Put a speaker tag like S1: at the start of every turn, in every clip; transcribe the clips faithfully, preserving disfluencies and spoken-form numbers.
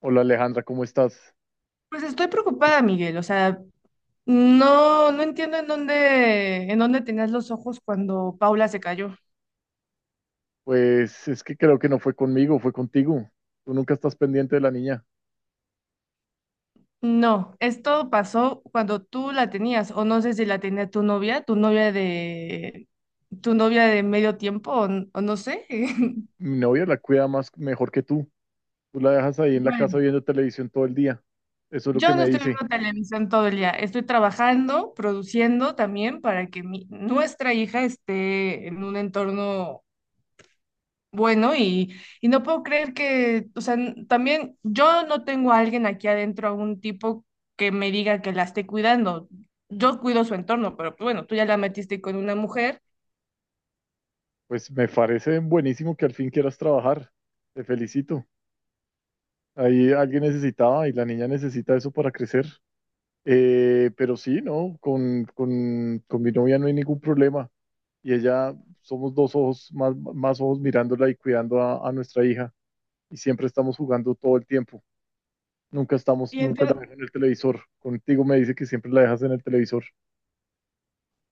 S1: Hola Alejandra, ¿cómo estás?
S2: Pues estoy preocupada, Miguel. O sea, no, no entiendo en dónde, en dónde tenías los ojos cuando Paula se cayó.
S1: Pues es que creo que no fue conmigo, fue contigo. Tú nunca estás pendiente de la niña.
S2: No, esto pasó cuando tú la tenías, o no sé si la tenía tu novia, tu novia de, tu novia de medio tiempo, o, n- o no sé.
S1: Mi novia la cuida más mejor que tú. Tú la dejas ahí en la casa
S2: Bueno,
S1: viendo televisión todo el día. Eso es lo que
S2: yo no
S1: me
S2: estoy
S1: dice.
S2: viendo televisión todo el día. Estoy trabajando, produciendo también para que mi- nuestra hija esté en un entorno bueno y, y no puedo creer que, o sea, n- también yo no tengo a alguien aquí adentro, a un tipo que me diga que la esté cuidando. Yo cuido su entorno, pero pues, bueno, tú ya la metiste con una mujer.
S1: Pues me parece buenísimo que al fin quieras trabajar. Te felicito. Ahí alguien necesitaba y la niña necesita eso para crecer. Eh, pero sí, ¿no? Con, con, con mi novia no hay ningún problema. Y ella, somos dos ojos, más, más ojos mirándola y cuidando a a nuestra hija. Y siempre estamos jugando todo el tiempo. Nunca estamos,
S2: Y
S1: nunca
S2: entonces,
S1: la dejo en el televisor. Contigo me dice que siempre la dejas en el televisor.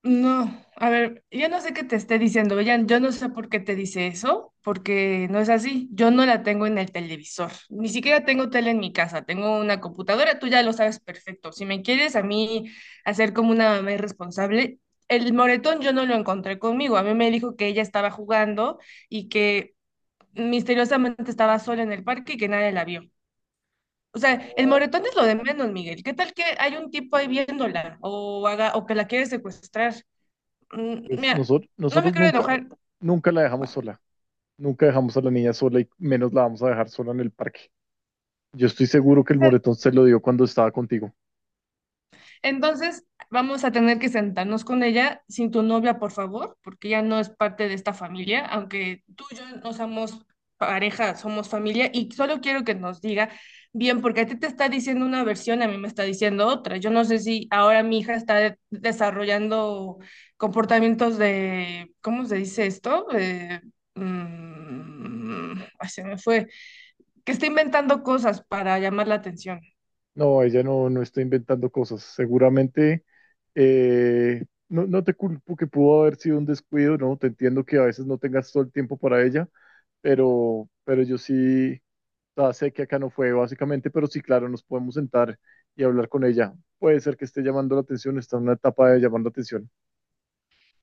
S2: no, a ver, yo no sé qué te esté diciendo, Bellan, yo no sé por qué te dice eso, porque no es así, yo no la tengo en el televisor, ni siquiera tengo tele en mi casa, tengo una computadora, tú ya lo sabes perfecto. Si me quieres a mí hacer como una mamá irresponsable, el moretón yo no lo encontré conmigo, a mí me dijo que ella estaba jugando y que misteriosamente estaba sola en el parque y que nadie la vio. O sea, el
S1: No,
S2: moretón es lo de menos, Miguel. ¿Qué tal que hay un tipo ahí viéndola o, haga, o que la quiere secuestrar? Mm,
S1: pues
S2: Mira,
S1: nosotros,
S2: no me
S1: nosotros
S2: quiero
S1: nunca,
S2: enojar.
S1: nunca la dejamos
S2: Bueno,
S1: sola. Nunca dejamos a la niña sola y menos la vamos a dejar sola en el parque. Yo estoy seguro que
S2: o
S1: el
S2: sea,
S1: moretón se lo dio cuando estaba contigo.
S2: entonces vamos a tener que sentarnos con ella sin tu novia, por favor, porque ya no es parte de esta familia. Aunque tú y yo no somos pareja, somos familia, y solo quiero que nos diga bien, porque a ti te está diciendo una versión, a mí me está diciendo otra. Yo no sé si ahora mi hija está de- desarrollando comportamientos de, ¿cómo se dice esto? Eh, mm, ay, se me fue que está inventando cosas para llamar la atención.
S1: No, ella no, no está inventando cosas. Seguramente, eh, no, no te culpo que pudo haber sido un descuido, ¿no? Te entiendo que a veces no tengas todo el tiempo para ella, pero, pero yo sí, o sea, sé que acá no fue básicamente, pero sí, claro, nos podemos sentar y hablar con ella. Puede ser que esté llamando la atención, está en una etapa de llamar la atención.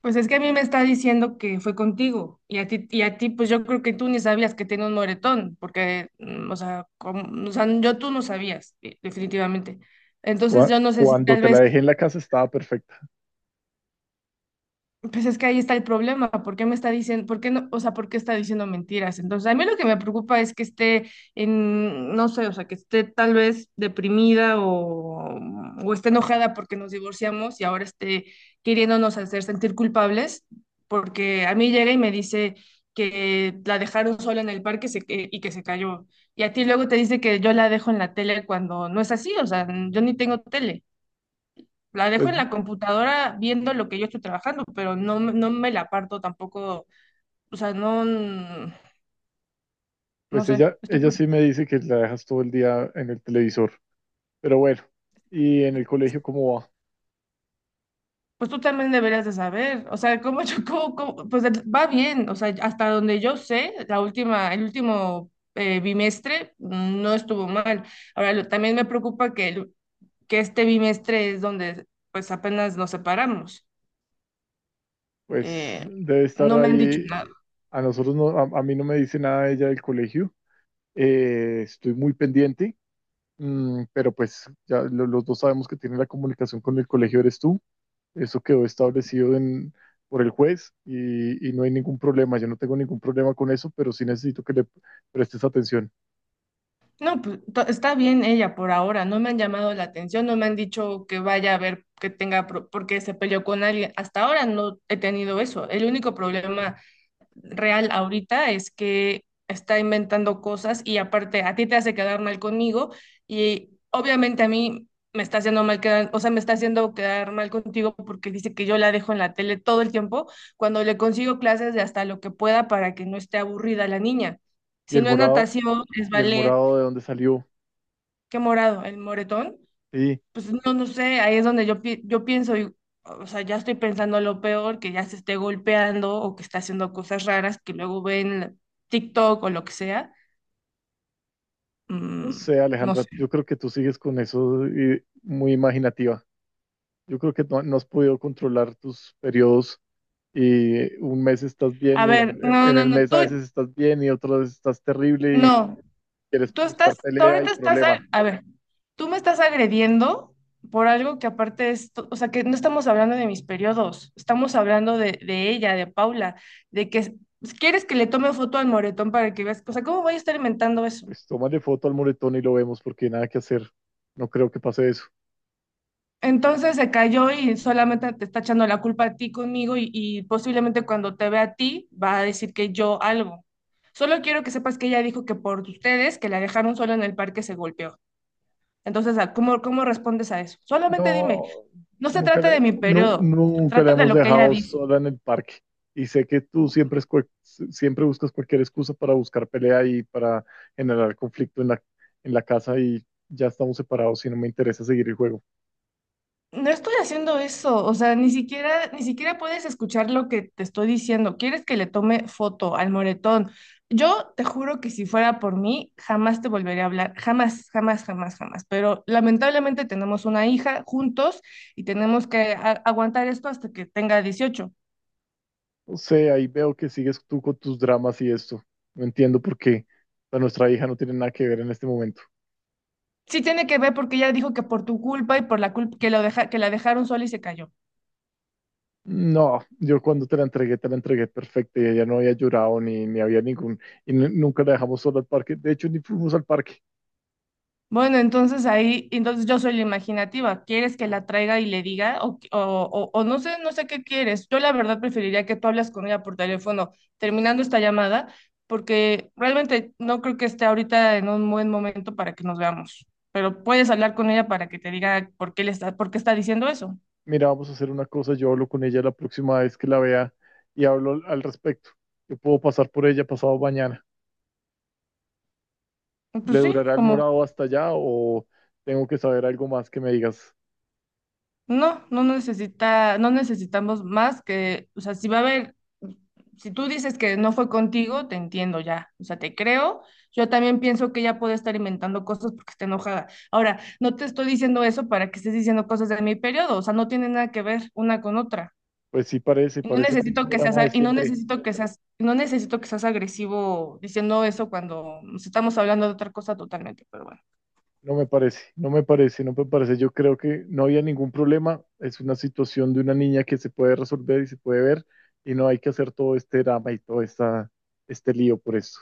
S2: Pues es que a mí me está diciendo que fue contigo y a ti, y a ti pues yo creo que tú ni sabías que tenía un moretón, porque, mm, o sea, como- o sea, yo tú no sabías, eh, definitivamente. Entonces
S1: Cua-
S2: yo no sé si
S1: Cuando
S2: tal
S1: te la
S2: vez.
S1: dejé en la casa estaba perfecta.
S2: Pues es que ahí está el problema, ¿por qué me está diciendo, por qué no, o sea, por qué está diciendo mentiras? Entonces, a mí lo que me preocupa es que esté en, no sé, o sea, que esté tal vez deprimida o, o esté enojada porque nos divorciamos y ahora esté queriéndonos hacer sentir culpables, porque a mí llega y me dice que la dejaron sola en el parque se- que- y que se cayó. Y a ti luego te dice que yo la dejo en la tele cuando no es así, o sea, yo ni tengo tele. La dejo
S1: Pues,
S2: en la computadora viendo lo que yo estoy trabajando, pero no, me- no me la parto tampoco, o sea, no, no
S1: pues
S2: sé,
S1: ella,
S2: estoy
S1: ella sí
S2: preocupada.
S1: me dice que la dejas todo el día en el televisor, pero bueno, ¿y en el colegio cómo va?
S2: Pues tú también deberías de saber, o sea, cómo yo, cómo- cómo- pues va bien, o sea, hasta donde yo sé, la última, el último eh, bimestre mm, no estuvo mal. Ahora, lo- también me preocupa que, el- que este bimestre es donde pues apenas nos separamos.
S1: Pues
S2: Eh,
S1: debe estar
S2: no me han dicho
S1: ahí.
S2: nada.
S1: A nosotros no, a, a mí no me dice nada ella del colegio. Eh, estoy muy pendiente, mm, pero pues ya lo- los dos sabemos que tiene la comunicación con el colegio, eres tú. Eso quedó establecido en, por el juez y, y no hay ningún problema. Yo no tengo ningún problema con eso, pero sí necesito que le prestes atención.
S2: No, pues to- está bien ella por ahora, no me han llamado la atención, no me han dicho que vaya a ver que tenga, pro- porque se peleó con alguien. Hasta ahora no he tenido eso. El único problema real ahorita es que está inventando cosas y aparte a ti te hace quedar mal conmigo y obviamente a mí me está haciendo mal quedar, o sea, me está haciendo quedar mal contigo porque dice que yo la dejo en la tele todo el tiempo cuando le consigo clases de hasta lo que pueda para que no esté aburrida la niña.
S1: Y
S2: Si
S1: el
S2: no es
S1: morado,
S2: natación, es
S1: y el
S2: ballet.
S1: morado de dónde salió.
S2: ¿Qué morado? ¿El moretón?
S1: Sí,
S2: Pues no, no sé, ahí es donde yo, pi- yo pienso, y- o sea, ya estoy pensando lo peor, que ya se esté golpeando o que está haciendo cosas raras que luego ven TikTok o lo que sea.
S1: no
S2: Mm,
S1: sé,
S2: no
S1: Alejandra,
S2: sé.
S1: yo creo que tú sigues con eso y muy imaginativa. Yo creo que no, no has podido controlar tus periodos y un mes estás
S2: A
S1: bien y
S2: ver,
S1: en,
S2: no,
S1: en
S2: no,
S1: el
S2: no,
S1: mes a
S2: tú,
S1: veces estás bien y otras veces estás terrible y
S2: no,
S1: quieres
S2: tú estás,
S1: buscar
S2: tú
S1: pelea y
S2: ahorita estás, a,
S1: problema.
S2: a ver, tú me estás agrediendo por algo que aparte es, to- o sea, que no estamos hablando de mis periodos, estamos hablando de, de ella, de Paula, de que s- quieres que le tome foto al moretón para que veas, o sea, ¿cómo voy a estar inventando eso?
S1: Pues tómale foto al moretón y lo vemos porque nada que hacer. No creo que pase eso.
S2: Entonces se cayó y solamente te está echando la culpa a ti conmigo y, y posiblemente cuando te vea a ti va a decir que yo algo. Solo quiero que sepas que ella dijo que por ustedes, que la dejaron sola en el parque, se golpeó. Entonces, ¿cómo, cómo respondes a eso? Solamente dime,
S1: No,
S2: no se
S1: nunca
S2: trata
S1: le,
S2: de mi
S1: nu-
S2: periodo, se
S1: nunca la
S2: trata de
S1: hemos
S2: lo que ella
S1: dejado
S2: dice.
S1: sola en el parque. Y sé que tú siempre, es cual- si, siempre buscas cualquier excusa para buscar pelea y para generar conflicto en la, en la casa y ya estamos separados y no me interesa seguir el juego.
S2: No estoy haciendo eso, o sea, ni siquiera, ni siquiera puedes escuchar lo que te estoy diciendo. ¿Quieres que le tome foto al moretón? Yo te juro que si fuera por mí, jamás te volvería a hablar, jamás, jamás, jamás, jamás. Pero lamentablemente tenemos una hija juntos y tenemos que a- aguantar esto hasta que tenga dieciocho.
S1: No sé, ahí veo que sigues tú con tus dramas y esto. No entiendo por qué. O sea, nuestra hija no tiene nada que ver en este momento.
S2: Sí tiene que ver porque ella dijo que por tu culpa y por la culpa que, lo deja, que la dejaron sola y se cayó.
S1: No, yo cuando te la entregué, te la entregué perfecta y ella no había llorado ni, ni había ningún... Y nu- nunca la dejamos sola al parque. De hecho, ni fuimos al parque.
S2: Bueno, entonces ahí, entonces yo soy la imaginativa. ¿Quieres que la traiga y le diga? O, o, o- o no sé, no sé qué quieres. Yo la verdad preferiría que tú hablas con ella por teléfono terminando esta llamada, porque realmente no creo que esté ahorita en un buen momento para que nos veamos. Pero puedes hablar con ella para que te diga por qué le está, por qué está diciendo eso.
S1: Mira, vamos a hacer una cosa. Yo hablo con ella la próxima vez que la vea y hablo al al respecto. Yo puedo pasar por ella pasado mañana. ¿Le
S2: Pues sí,
S1: durará el
S2: como.
S1: morado hasta allá o tengo que saber algo más que me digas?
S2: No, no necesita, no necesitamos más que, o sea, si va a haber, si tú dices que no fue contigo, te entiendo ya, o sea, te creo. Yo también pienso que ella puede estar inventando cosas porque está enojada. Ahora, no te estoy diciendo eso para que estés diciendo cosas de mi periodo, o sea, no tiene nada que ver una con otra.
S1: Pues sí, parece,
S2: Y no
S1: parece el mismo
S2: necesito que seas,
S1: drama de
S2: a- y no
S1: siempre.
S2: necesito que seas, no necesito que seas agresivo diciendo eso cuando nos estamos hablando de otra cosa totalmente, pero bueno.
S1: No me parece, no me parece, no me parece. Yo creo que no había ningún problema. Es una situación de una niña que se puede resolver y se puede ver y no hay que hacer todo este drama y todo esta, este lío por eso.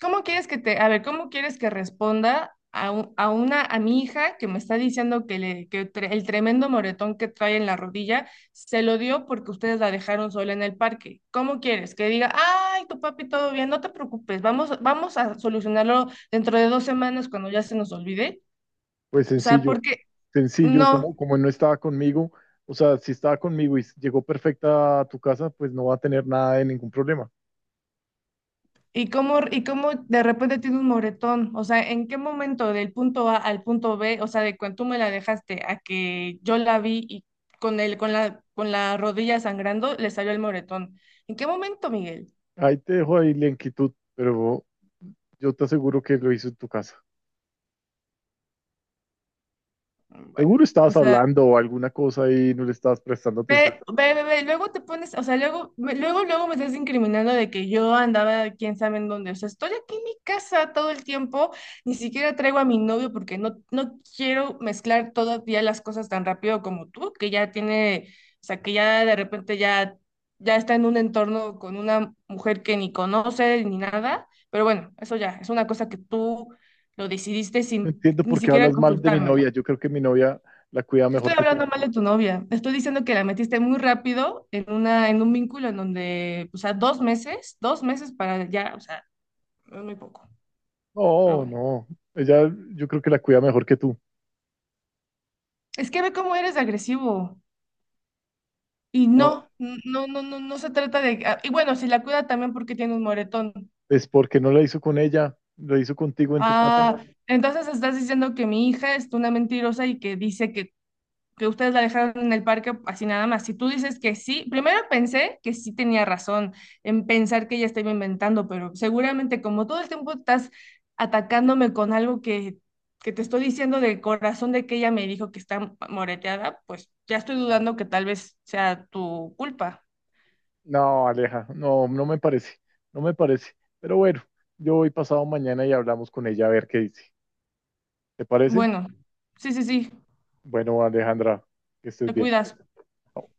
S2: ¿Cómo quieres que te, a ver, cómo quieres que responda a, un a una, a mi hija que me está diciendo que, le, que tre- el tremendo moretón que trae en la rodilla se lo dio porque ustedes la dejaron sola en el parque? ¿Cómo quieres que diga, ay, tu papi, todo bien, no te preocupes, vamos, vamos a solucionarlo dentro de dos semanas cuando ya se nos olvide?
S1: Pues
S2: O sea,
S1: sencillo,
S2: porque
S1: sencillo,
S2: no.
S1: como, como no estaba conmigo, o sea, si estaba conmigo y llegó perfecta a tu casa, pues no va a tener nada de ningún problema.
S2: ¿Y cómo, y cómo de repente tiene un moretón? O sea, ¿en qué momento del punto A al punto B, o sea, de cuando tú me la dejaste a que yo la vi y con el, con la, con la rodilla sangrando, le salió el moretón? ¿En qué momento, Miguel?
S1: Ahí te dejo ahí la inquietud, pero yo te aseguro que lo hizo en tu casa.
S2: Mm, Bueno,
S1: Seguro
S2: o
S1: estabas
S2: sea...
S1: hablando o alguna cosa y no le estabas prestando atención.
S2: Ve, ve, ve, ve, luego te pones, o sea, luego, me- luego, luego me estás incriminando de que yo andaba quién sabe en dónde. O sea, estoy aquí en mi casa todo el tiempo, ni siquiera traigo a mi novio porque no, no quiero mezclar todavía las cosas tan rápido como tú, que ya tiene, o sea, que ya de repente ya, ya está en un entorno con una mujer que ni conoce ni nada. Pero bueno, eso ya, es una cosa que tú lo decidiste
S1: No
S2: sin
S1: entiendo
S2: ni
S1: por qué
S2: siquiera
S1: hablas mal de mi
S2: consultármelo.
S1: novia. Yo creo que mi novia la cuida
S2: No estoy
S1: mejor que tú.
S2: hablando mal de tu novia. Estoy diciendo que la metiste muy rápido en una, en un vínculo en donde, o sea, dos meses, dos meses para ya, o sea, es muy poco. Pero
S1: No,
S2: bueno.
S1: no. Ella, yo creo que la cuida mejor que tú.
S2: Es que ve cómo eres de agresivo. Y
S1: No,
S2: no, n- no, no, no, no se trata de. Ah, y bueno, si la cuida también porque tiene un moretón.
S1: es porque no la hizo con ella, lo hizo contigo en tu casa.
S2: Ah, entonces estás diciendo que mi hija es una mentirosa y que dice que que ustedes la dejaron en el parque así nada más. Si tú dices que sí, primero pensé que sí tenía razón en pensar que ella estaba inventando, pero seguramente como todo el tiempo estás atacándome con algo que, que te estoy diciendo de corazón de que ella me dijo que está moreteada, pues ya estoy dudando que tal vez sea tu culpa.
S1: No, Aleja, no, no me parece. No me parece. Pero bueno, yo voy pasado mañana y hablamos con ella a ver qué dice. ¿Te parece?
S2: Bueno, sí, sí, sí,
S1: Bueno, Alejandra, que estés
S2: te
S1: bien.
S2: cuidas.
S1: Chao.